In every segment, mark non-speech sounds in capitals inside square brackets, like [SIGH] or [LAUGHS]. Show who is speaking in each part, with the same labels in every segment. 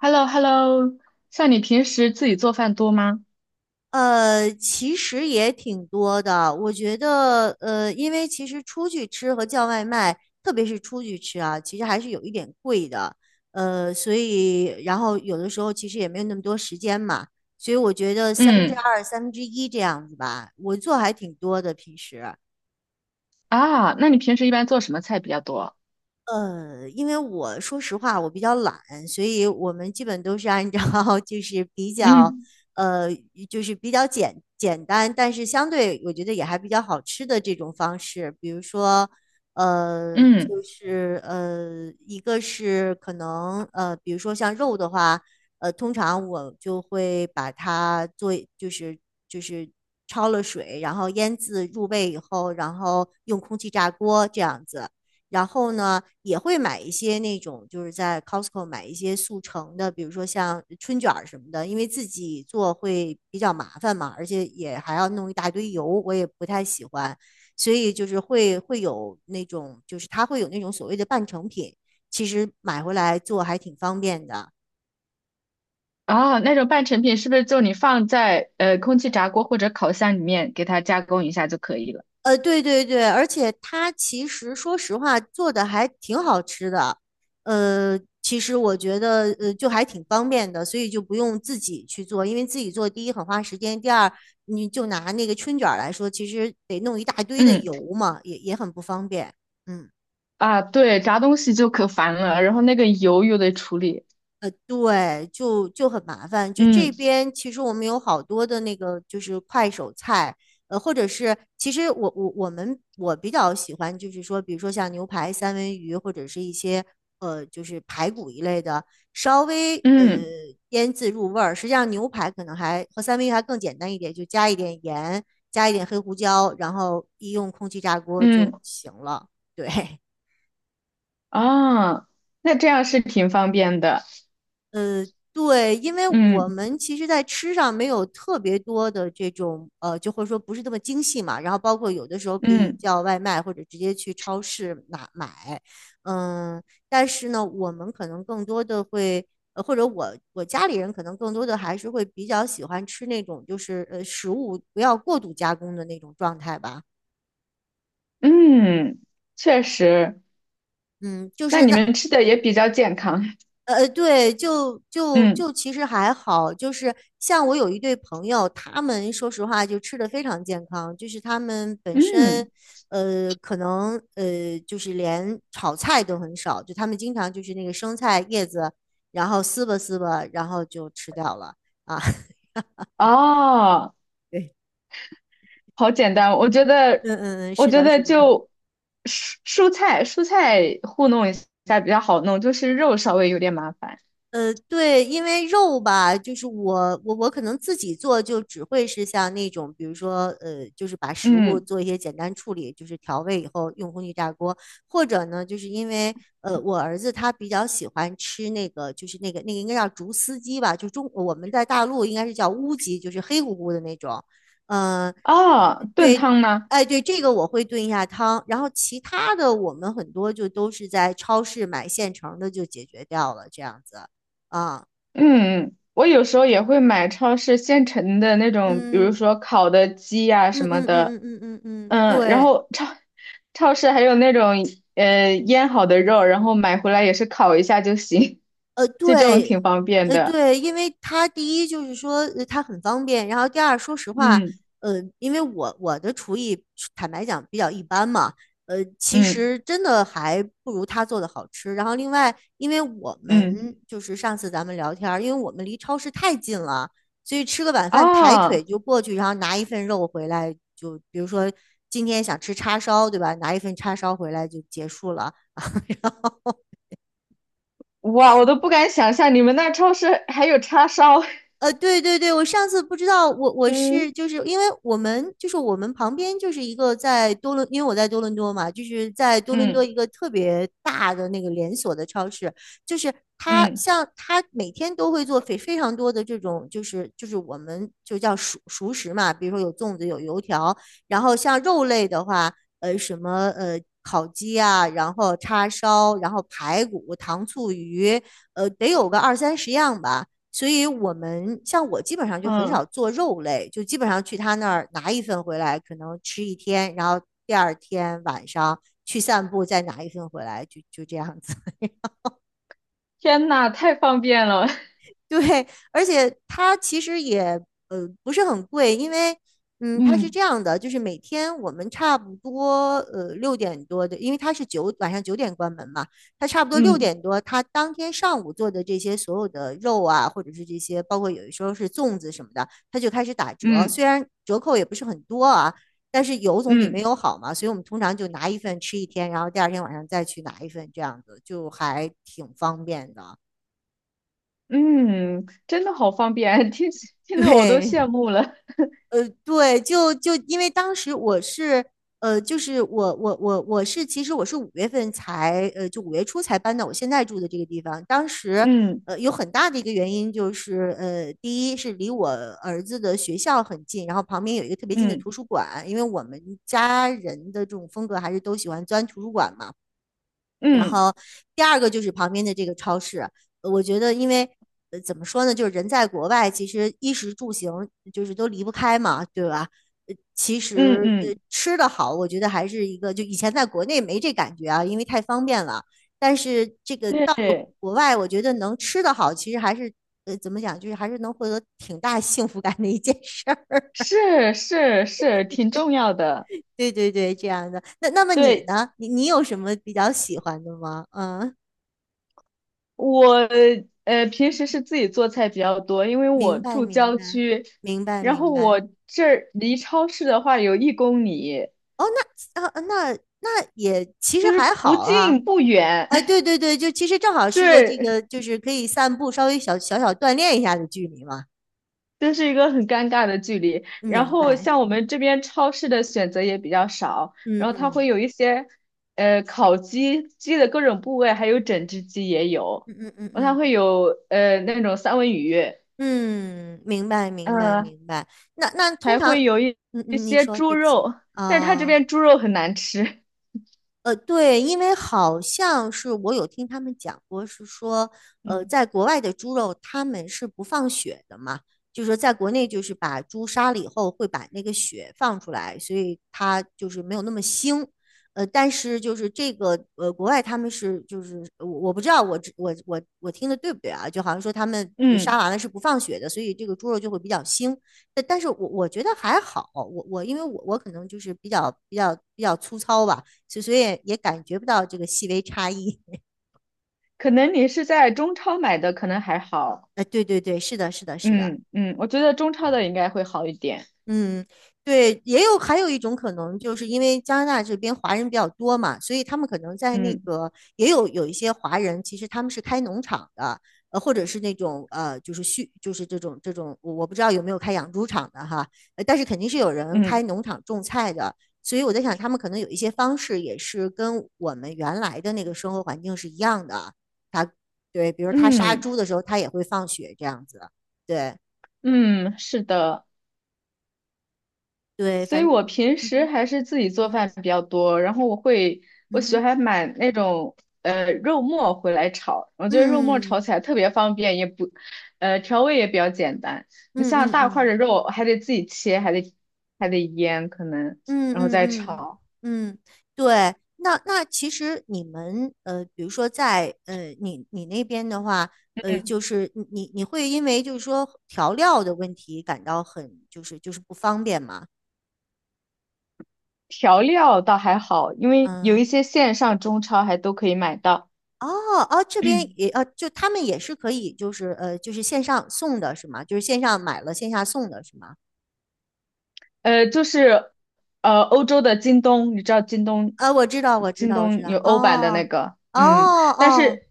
Speaker 1: h e l l o h e l l o 像你平时自己做饭多吗？
Speaker 2: 其实也挺多的。我觉得，因为其实出去吃和叫外卖，特别是出去吃啊，其实还是有一点贵的。所以，然后有的时候其实也没有那么多时间嘛，所以我觉得三分之
Speaker 1: 嗯，
Speaker 2: 二、三分之一这样子吧，我做还挺多的平时。
Speaker 1: 啊，那你平时一般做什么菜比较多？
Speaker 2: 因为我说实话，我比较懒，所以我们基本都是按照 [LAUGHS] 就是比较，
Speaker 1: 嗯
Speaker 2: 呃，就是比较简简单，但是相对我觉得也还比较好吃的这种方式，比如说，
Speaker 1: 嗯，
Speaker 2: 就是一个是可能比如说像肉的话，通常我就会把它做，就是就是焯了水，然后腌制入味以后，然后用空气炸锅这样子。然后呢，也会买一些那种，就是在 Costco 买一些速成的，比如说像春卷儿什么的，因为自己做会比较麻烦嘛，而且也还要弄一大堆油，我也不太喜欢，所以就是会有那种，就是它会有那种所谓的半成品，其实买回来做还挺方便的。
Speaker 1: 啊，那种半成品是不是就你放在空气炸锅或者烤箱里面给它加工一下就可以了？
Speaker 2: 对对对，而且它其实说实话做的还挺好吃的，其实我觉得就还挺方便的，所以就不用自己去做，因为自己做第一很花时间，第二你就拿那个春卷儿来说，其实得弄一大堆的
Speaker 1: 嗯，
Speaker 2: 油嘛，也很不方便。嗯。
Speaker 1: 啊，对，炸东西就可烦了，然后那个油又得处理。
Speaker 2: 对，就很麻烦。就
Speaker 1: 嗯
Speaker 2: 这边其实我们有好多的那个就是快手菜，或者是其实我比较喜欢就是说，比如说像牛排、三文鱼或者是一些就是排骨一类的，稍微
Speaker 1: 嗯
Speaker 2: 腌制入味儿。实际上牛排可能还和三文鱼还更简单一点，就加一点盐，加一点黑胡椒，然后一用空气炸锅就
Speaker 1: 嗯，
Speaker 2: 行了。对，
Speaker 1: 啊，那这样是挺方便的。
Speaker 2: 呃，对，因为我
Speaker 1: 嗯
Speaker 2: 们其实，在吃上没有特别多的这种，就或者说不是那么精细嘛。然后包括有的时候可以
Speaker 1: 嗯
Speaker 2: 叫外卖，或者直接去超市拿买。嗯，但是呢，我们可能更多的会，或者我家里人可能更多的还是会比较喜欢吃那种，就是食物不要过度加工的那种状态吧。
Speaker 1: 嗯，确实，
Speaker 2: 嗯，就
Speaker 1: 那
Speaker 2: 是
Speaker 1: 你
Speaker 2: 那。
Speaker 1: 们吃的也比较健康。
Speaker 2: 对，就
Speaker 1: [LAUGHS]
Speaker 2: 就
Speaker 1: 嗯。
Speaker 2: 就其实还好，就是像我有一对朋友，他们说实话就吃的非常健康，就是他们本
Speaker 1: 嗯，
Speaker 2: 身，可能就是连炒菜都很少，就他们经常就是那个生菜叶子，然后撕吧撕吧，然后就吃掉了啊。[LAUGHS]
Speaker 1: 哦，
Speaker 2: 对，
Speaker 1: 好简单。我觉得，
Speaker 2: 嗯嗯嗯，
Speaker 1: 我
Speaker 2: 是
Speaker 1: 觉
Speaker 2: 的，
Speaker 1: 得
Speaker 2: 是的。
Speaker 1: 就蔬菜糊弄一下比较好弄，就是肉稍微有点麻烦。
Speaker 2: 对，因为肉吧，就是我可能自己做就只会是像那种，比如说就是把食物
Speaker 1: 嗯，
Speaker 2: 做一些简单处理，就是调味以后用空气炸锅，或者呢，就是因为我儿子他比较喜欢吃那个，就是那个应该叫竹丝鸡吧，就中我们在大陆应该是叫乌鸡，就是黑乎乎的那种，嗯。
Speaker 1: 哦，炖
Speaker 2: 对，
Speaker 1: 汤吗？
Speaker 2: 哎，对，这个我会炖一下汤，然后其他的我们很多就都是在超市买现成的就解决掉了，这样子啊，
Speaker 1: 嗯，我有时候也会买超市现成的那种，比如
Speaker 2: 嗯
Speaker 1: 说烤的鸡呀、
Speaker 2: 嗯
Speaker 1: 什么
Speaker 2: 嗯
Speaker 1: 的。
Speaker 2: 嗯嗯嗯嗯嗯，
Speaker 1: 嗯，然
Speaker 2: 对。
Speaker 1: 后超市还有那种腌好的肉，然后买回来也是烤一下就行，[LAUGHS] 就这种
Speaker 2: 对，
Speaker 1: 挺方便的。
Speaker 2: 对，因为他第一就是说它很方便，然后第二，说实话，
Speaker 1: 嗯
Speaker 2: 呃，因为我的厨艺坦白讲比较一般嘛，其
Speaker 1: 嗯
Speaker 2: 实真的还不如他做的好吃。然后另外，因为我
Speaker 1: 嗯。
Speaker 2: 们就是上次咱们聊天儿因为我们离超市太近了，所以吃个晚饭抬
Speaker 1: 啊，
Speaker 2: 腿就过去，然后拿一份肉回来，就比如说今天想吃叉烧，对吧？拿一份叉烧回来就结束了。
Speaker 1: 哇，我都不敢想象你们那超市还有叉烧。[LAUGHS]
Speaker 2: 对对对，我上次不知道，我是
Speaker 1: 嗯
Speaker 2: 就是因为我们就是我们旁边就是一个在多伦，因为我在多伦多嘛，就是在多伦多
Speaker 1: 嗯
Speaker 2: 一个特别大的那个连锁的超市，就是它
Speaker 1: 嗯
Speaker 2: 像它每天都会做非常多的这种就是我们就叫熟食嘛，比如说有粽子有油条，然后像肉类的话，什么烤鸡啊，然后叉烧，然后排骨、糖醋鱼，得有个二三十样吧。所以我们像我基本上就很
Speaker 1: 嗯，
Speaker 2: 少做肉类，就基本上去他那儿拿一份回来，可能吃一天，然后第二天晚上去散步，再拿一份回来，就这样子。
Speaker 1: 天呐，太方便了。[LAUGHS]
Speaker 2: 对，而且它其实也不是很贵，因为它是
Speaker 1: 嗯
Speaker 2: 这样的，就是每天我们差不多六点多的，因为它是晚上九点关门嘛，它差不多六
Speaker 1: 嗯
Speaker 2: 点多，它当天上午做的这些所有的肉啊，或者是这些包括有的时候是粽子什么的，它就开始打折，
Speaker 1: 嗯
Speaker 2: 虽然折扣也不是很多啊，但是有总比没
Speaker 1: 嗯
Speaker 2: 有好嘛，所以我们通常就拿一份吃一天，然后第二天晚上再去拿一份，这样子就还挺方便的，
Speaker 1: 嗯，真的好方便，听
Speaker 2: [LAUGHS]
Speaker 1: 听得我都
Speaker 2: 对。
Speaker 1: 羡慕了。
Speaker 2: 对，就因为当时我是，就是我是，其实我是五月份才，就五月初才搬到我现在住的这个地方。当时，
Speaker 1: 嗯
Speaker 2: 有很大的一个原因就是，第一是离我儿子的学校很近，然后旁边有一个特别近的
Speaker 1: 嗯
Speaker 2: 图书馆，因为我们家人的这种风格还是都喜欢钻图书馆嘛。然
Speaker 1: 嗯
Speaker 2: 后第二个就是旁边的这个超市，我觉得因为怎么说呢，就是人在国外，其实衣食住行就是都离不开嘛，对吧？其
Speaker 1: 嗯
Speaker 2: 实
Speaker 1: 嗯，
Speaker 2: 吃的好，我觉得还是一个，就以前在国内没这感觉啊，因为太方便了。但是这个到了
Speaker 1: 对，
Speaker 2: 国外，我觉得能吃的好，其实还是怎么讲，就是还是能获得挺大幸福感的一件事儿。
Speaker 1: 是是是，挺重要的。
Speaker 2: [LAUGHS] 对对对，这样的。那么你
Speaker 1: 对，
Speaker 2: 呢？你有什么比较喜欢的吗？嗯。
Speaker 1: 我平时是自己做菜比较多，因为我
Speaker 2: 明白，
Speaker 1: 住
Speaker 2: 明
Speaker 1: 郊
Speaker 2: 白，
Speaker 1: 区，
Speaker 2: 明白，
Speaker 1: 然后
Speaker 2: 明
Speaker 1: 我
Speaker 2: 白。
Speaker 1: 这儿离超市的话有1公里，
Speaker 2: 哦，那呃，那那也其
Speaker 1: 就
Speaker 2: 实
Speaker 1: 是
Speaker 2: 还
Speaker 1: 不
Speaker 2: 好啊。
Speaker 1: 近不远，
Speaker 2: 哎，对
Speaker 1: [LAUGHS]
Speaker 2: 对对，就其实正好是个这
Speaker 1: 对，
Speaker 2: 个，就是可以散步，稍微小锻炼一下的距离嘛。
Speaker 1: 这是一个很尴尬的距离。然
Speaker 2: 明
Speaker 1: 后
Speaker 2: 白。
Speaker 1: 像我们这边超市的选择也比较少，
Speaker 2: 嗯
Speaker 1: 然后它会
Speaker 2: 嗯
Speaker 1: 有一些烤鸡，鸡的各种部位，还有整只鸡也有，
Speaker 2: 嗯嗯嗯
Speaker 1: 然后它
Speaker 2: 嗯
Speaker 1: 会有那种三文鱼。
Speaker 2: 嗯，明白明白
Speaker 1: 呃
Speaker 2: 明白。那通
Speaker 1: 还
Speaker 2: 常，
Speaker 1: 会有一
Speaker 2: 嗯
Speaker 1: 一
Speaker 2: 嗯，你
Speaker 1: 些
Speaker 2: 说，
Speaker 1: 猪
Speaker 2: 对不起
Speaker 1: 肉，但是他这
Speaker 2: 啊。
Speaker 1: 边猪肉很难吃。
Speaker 2: 对，因为好像是我有听他们讲过，是说，
Speaker 1: 嗯
Speaker 2: 在国外的猪肉他们是不放血的嘛，就是说在国内就是把猪杀了以后会把那个血放出来，所以它就是没有那么腥。但是就是这个国外他们是就是我不知道我只我我我听的对不对啊？就好像说他们杀
Speaker 1: 嗯，
Speaker 2: 完了是不放血的，所以这个猪肉就会比较腥。但是我觉得还好，我因为我可能就是比较粗糙吧。所以也感觉不到这个细微差异。[LAUGHS]
Speaker 1: 可能你是在中超买的，可能还好。
Speaker 2: 对对对，是的，是的，是的。
Speaker 1: 嗯嗯，我觉得中超的应该会好一点。
Speaker 2: 嗯，对，还有一种可能，就是因为加拿大这边华人比较多嘛，所以他们可能在那
Speaker 1: 嗯
Speaker 2: 个也有一些华人，其实他们是开农场的，或者是那种就是畜，就是这种，我不知道有没有开养猪场的哈，但是肯定是有人
Speaker 1: 嗯
Speaker 2: 开农场种菜的，所以我在想，他们可能有一些方式也是跟我们原来的那个生活环境是一样的。他对，比如他杀
Speaker 1: 嗯
Speaker 2: 猪的时候，他也会放血这样子。对
Speaker 1: 嗯，是的。
Speaker 2: 对，
Speaker 1: 所以
Speaker 2: 反正，
Speaker 1: 我平
Speaker 2: 嗯
Speaker 1: 时
Speaker 2: 哼。
Speaker 1: 还是自己做饭
Speaker 2: 嗯
Speaker 1: 比较多，然后我会，我
Speaker 2: 嗯
Speaker 1: 喜
Speaker 2: 哼，
Speaker 1: 欢买那种肉末回来炒，我觉得肉末炒
Speaker 2: 嗯
Speaker 1: 起来特别方便，也不，调味也比较简单。你
Speaker 2: 嗯
Speaker 1: 像
Speaker 2: 嗯
Speaker 1: 大块儿
Speaker 2: 嗯
Speaker 1: 的肉还得自己切，还得腌可能，
Speaker 2: 嗯
Speaker 1: 然后
Speaker 2: 嗯
Speaker 1: 再
Speaker 2: 嗯
Speaker 1: 炒。
Speaker 2: 嗯。对，那其实你们，比如说在你那边的话，
Speaker 1: 嗯，
Speaker 2: 就是你会因为就是说调料的问题感到很不方便吗？
Speaker 1: 调料倒还好，因为有
Speaker 2: 嗯，
Speaker 1: 一些线上中超还都可以买到。
Speaker 2: 哦哦，这边也就他们也是可以就是线上送的是吗？就是线上买了线下送的是吗？
Speaker 1: 呃，就是欧洲的京东，你知道京东，
Speaker 2: 啊，我知道我知
Speaker 1: 京
Speaker 2: 道我知
Speaker 1: 东
Speaker 2: 道，
Speaker 1: 有欧版的那
Speaker 2: 哦
Speaker 1: 个，
Speaker 2: 哦
Speaker 1: 嗯，但
Speaker 2: 哦。
Speaker 1: 是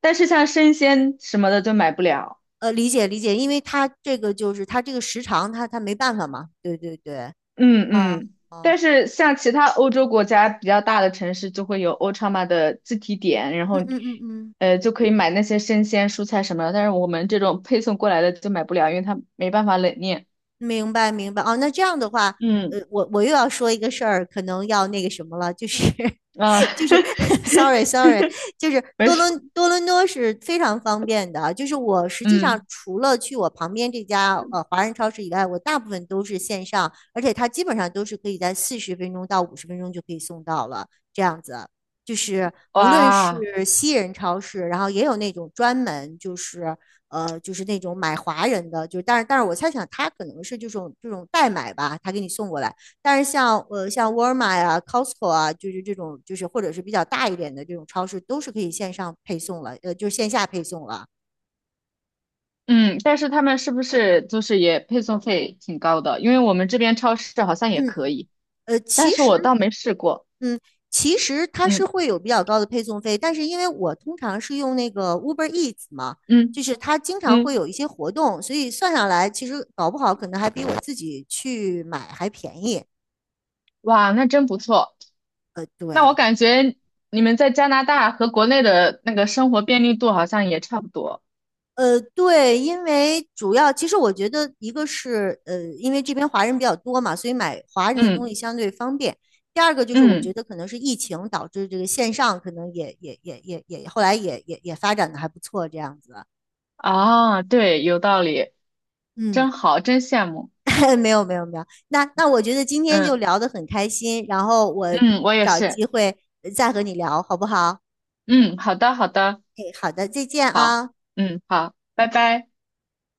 Speaker 1: 但是像生鲜什么的就买不了，
Speaker 2: 理解理解，因为他这个时长他没办法嘛。对对对，
Speaker 1: 嗯
Speaker 2: 啊，
Speaker 1: 嗯，
Speaker 2: 哦，
Speaker 1: 但是像其他欧洲国家比较大的城市就会有欧超嘛的自提点，然后
Speaker 2: 嗯嗯嗯嗯，
Speaker 1: 就可以买那些生鲜蔬菜什么的，但是我们这种配送过来的就买不了，因为它没办法冷链，
Speaker 2: 明白明白。哦，那这样的话，
Speaker 1: 嗯
Speaker 2: 我又要说一个事儿，可能要那个什么了，就是
Speaker 1: 啊，
Speaker 2: [LAUGHS] 就是 [LAUGHS] sorry
Speaker 1: [LAUGHS]
Speaker 2: sorry,就是
Speaker 1: 没
Speaker 2: 多
Speaker 1: 事，
Speaker 2: 伦多伦多是非常方便的啊。就是我实际上
Speaker 1: 嗯，
Speaker 2: 除了去我旁边这家华人超市以外，我大部分都是线上，而且它基本上都是可以在40分钟到50分钟就可以送到了，这样子。就是无论
Speaker 1: 哇。
Speaker 2: 是西人超市，然后也有那种专门就是那种买华人的，就是但是我猜想他可能是这种代买吧，他给你送过来。但是像沃尔玛呀、Costco 啊，就是这种或者是比较大一点的这种超市，都是可以线上配送了，就是线下配送了。
Speaker 1: 嗯，但是他们是不是就是也配送费挺高的？因为我们这边超市好像也
Speaker 2: 嗯，
Speaker 1: 可以，
Speaker 2: 呃，
Speaker 1: 但
Speaker 2: 其
Speaker 1: 是
Speaker 2: 实
Speaker 1: 我倒没试过。
Speaker 2: 嗯，其实它
Speaker 1: 嗯
Speaker 2: 是会有比较高的配送费，但是因为我通常是用那个 Uber Eats 嘛，
Speaker 1: 嗯
Speaker 2: 就是它经常会
Speaker 1: 嗯，
Speaker 2: 有一些活动，所以算下来其实搞不好可能还比我自己去买还便宜。
Speaker 1: 哇，那真不错。那我
Speaker 2: 对。
Speaker 1: 感觉你们在加拿大和国内的那个生活便利度好像也差不多。
Speaker 2: 对，因为主要其实我觉得一个是因为这边华人比较多嘛，所以买华人的东
Speaker 1: 嗯
Speaker 2: 西相对方便。第二个就是我觉
Speaker 1: 嗯，
Speaker 2: 得可能是疫情导致这个线上可能也后来也发展的还不错这样子。
Speaker 1: 啊，对，有道理，
Speaker 2: 嗯，
Speaker 1: 真好，真羡慕。
Speaker 2: [LAUGHS] 没有没有没有，那我觉得今天就
Speaker 1: 嗯
Speaker 2: 聊得很开心，然后我
Speaker 1: 嗯，我也
Speaker 2: 找
Speaker 1: 是。
Speaker 2: 机会再和你聊好不好？
Speaker 1: 嗯，好的好的，
Speaker 2: 哎，好的，再见
Speaker 1: 好，
Speaker 2: 啊。
Speaker 1: 嗯好，拜拜。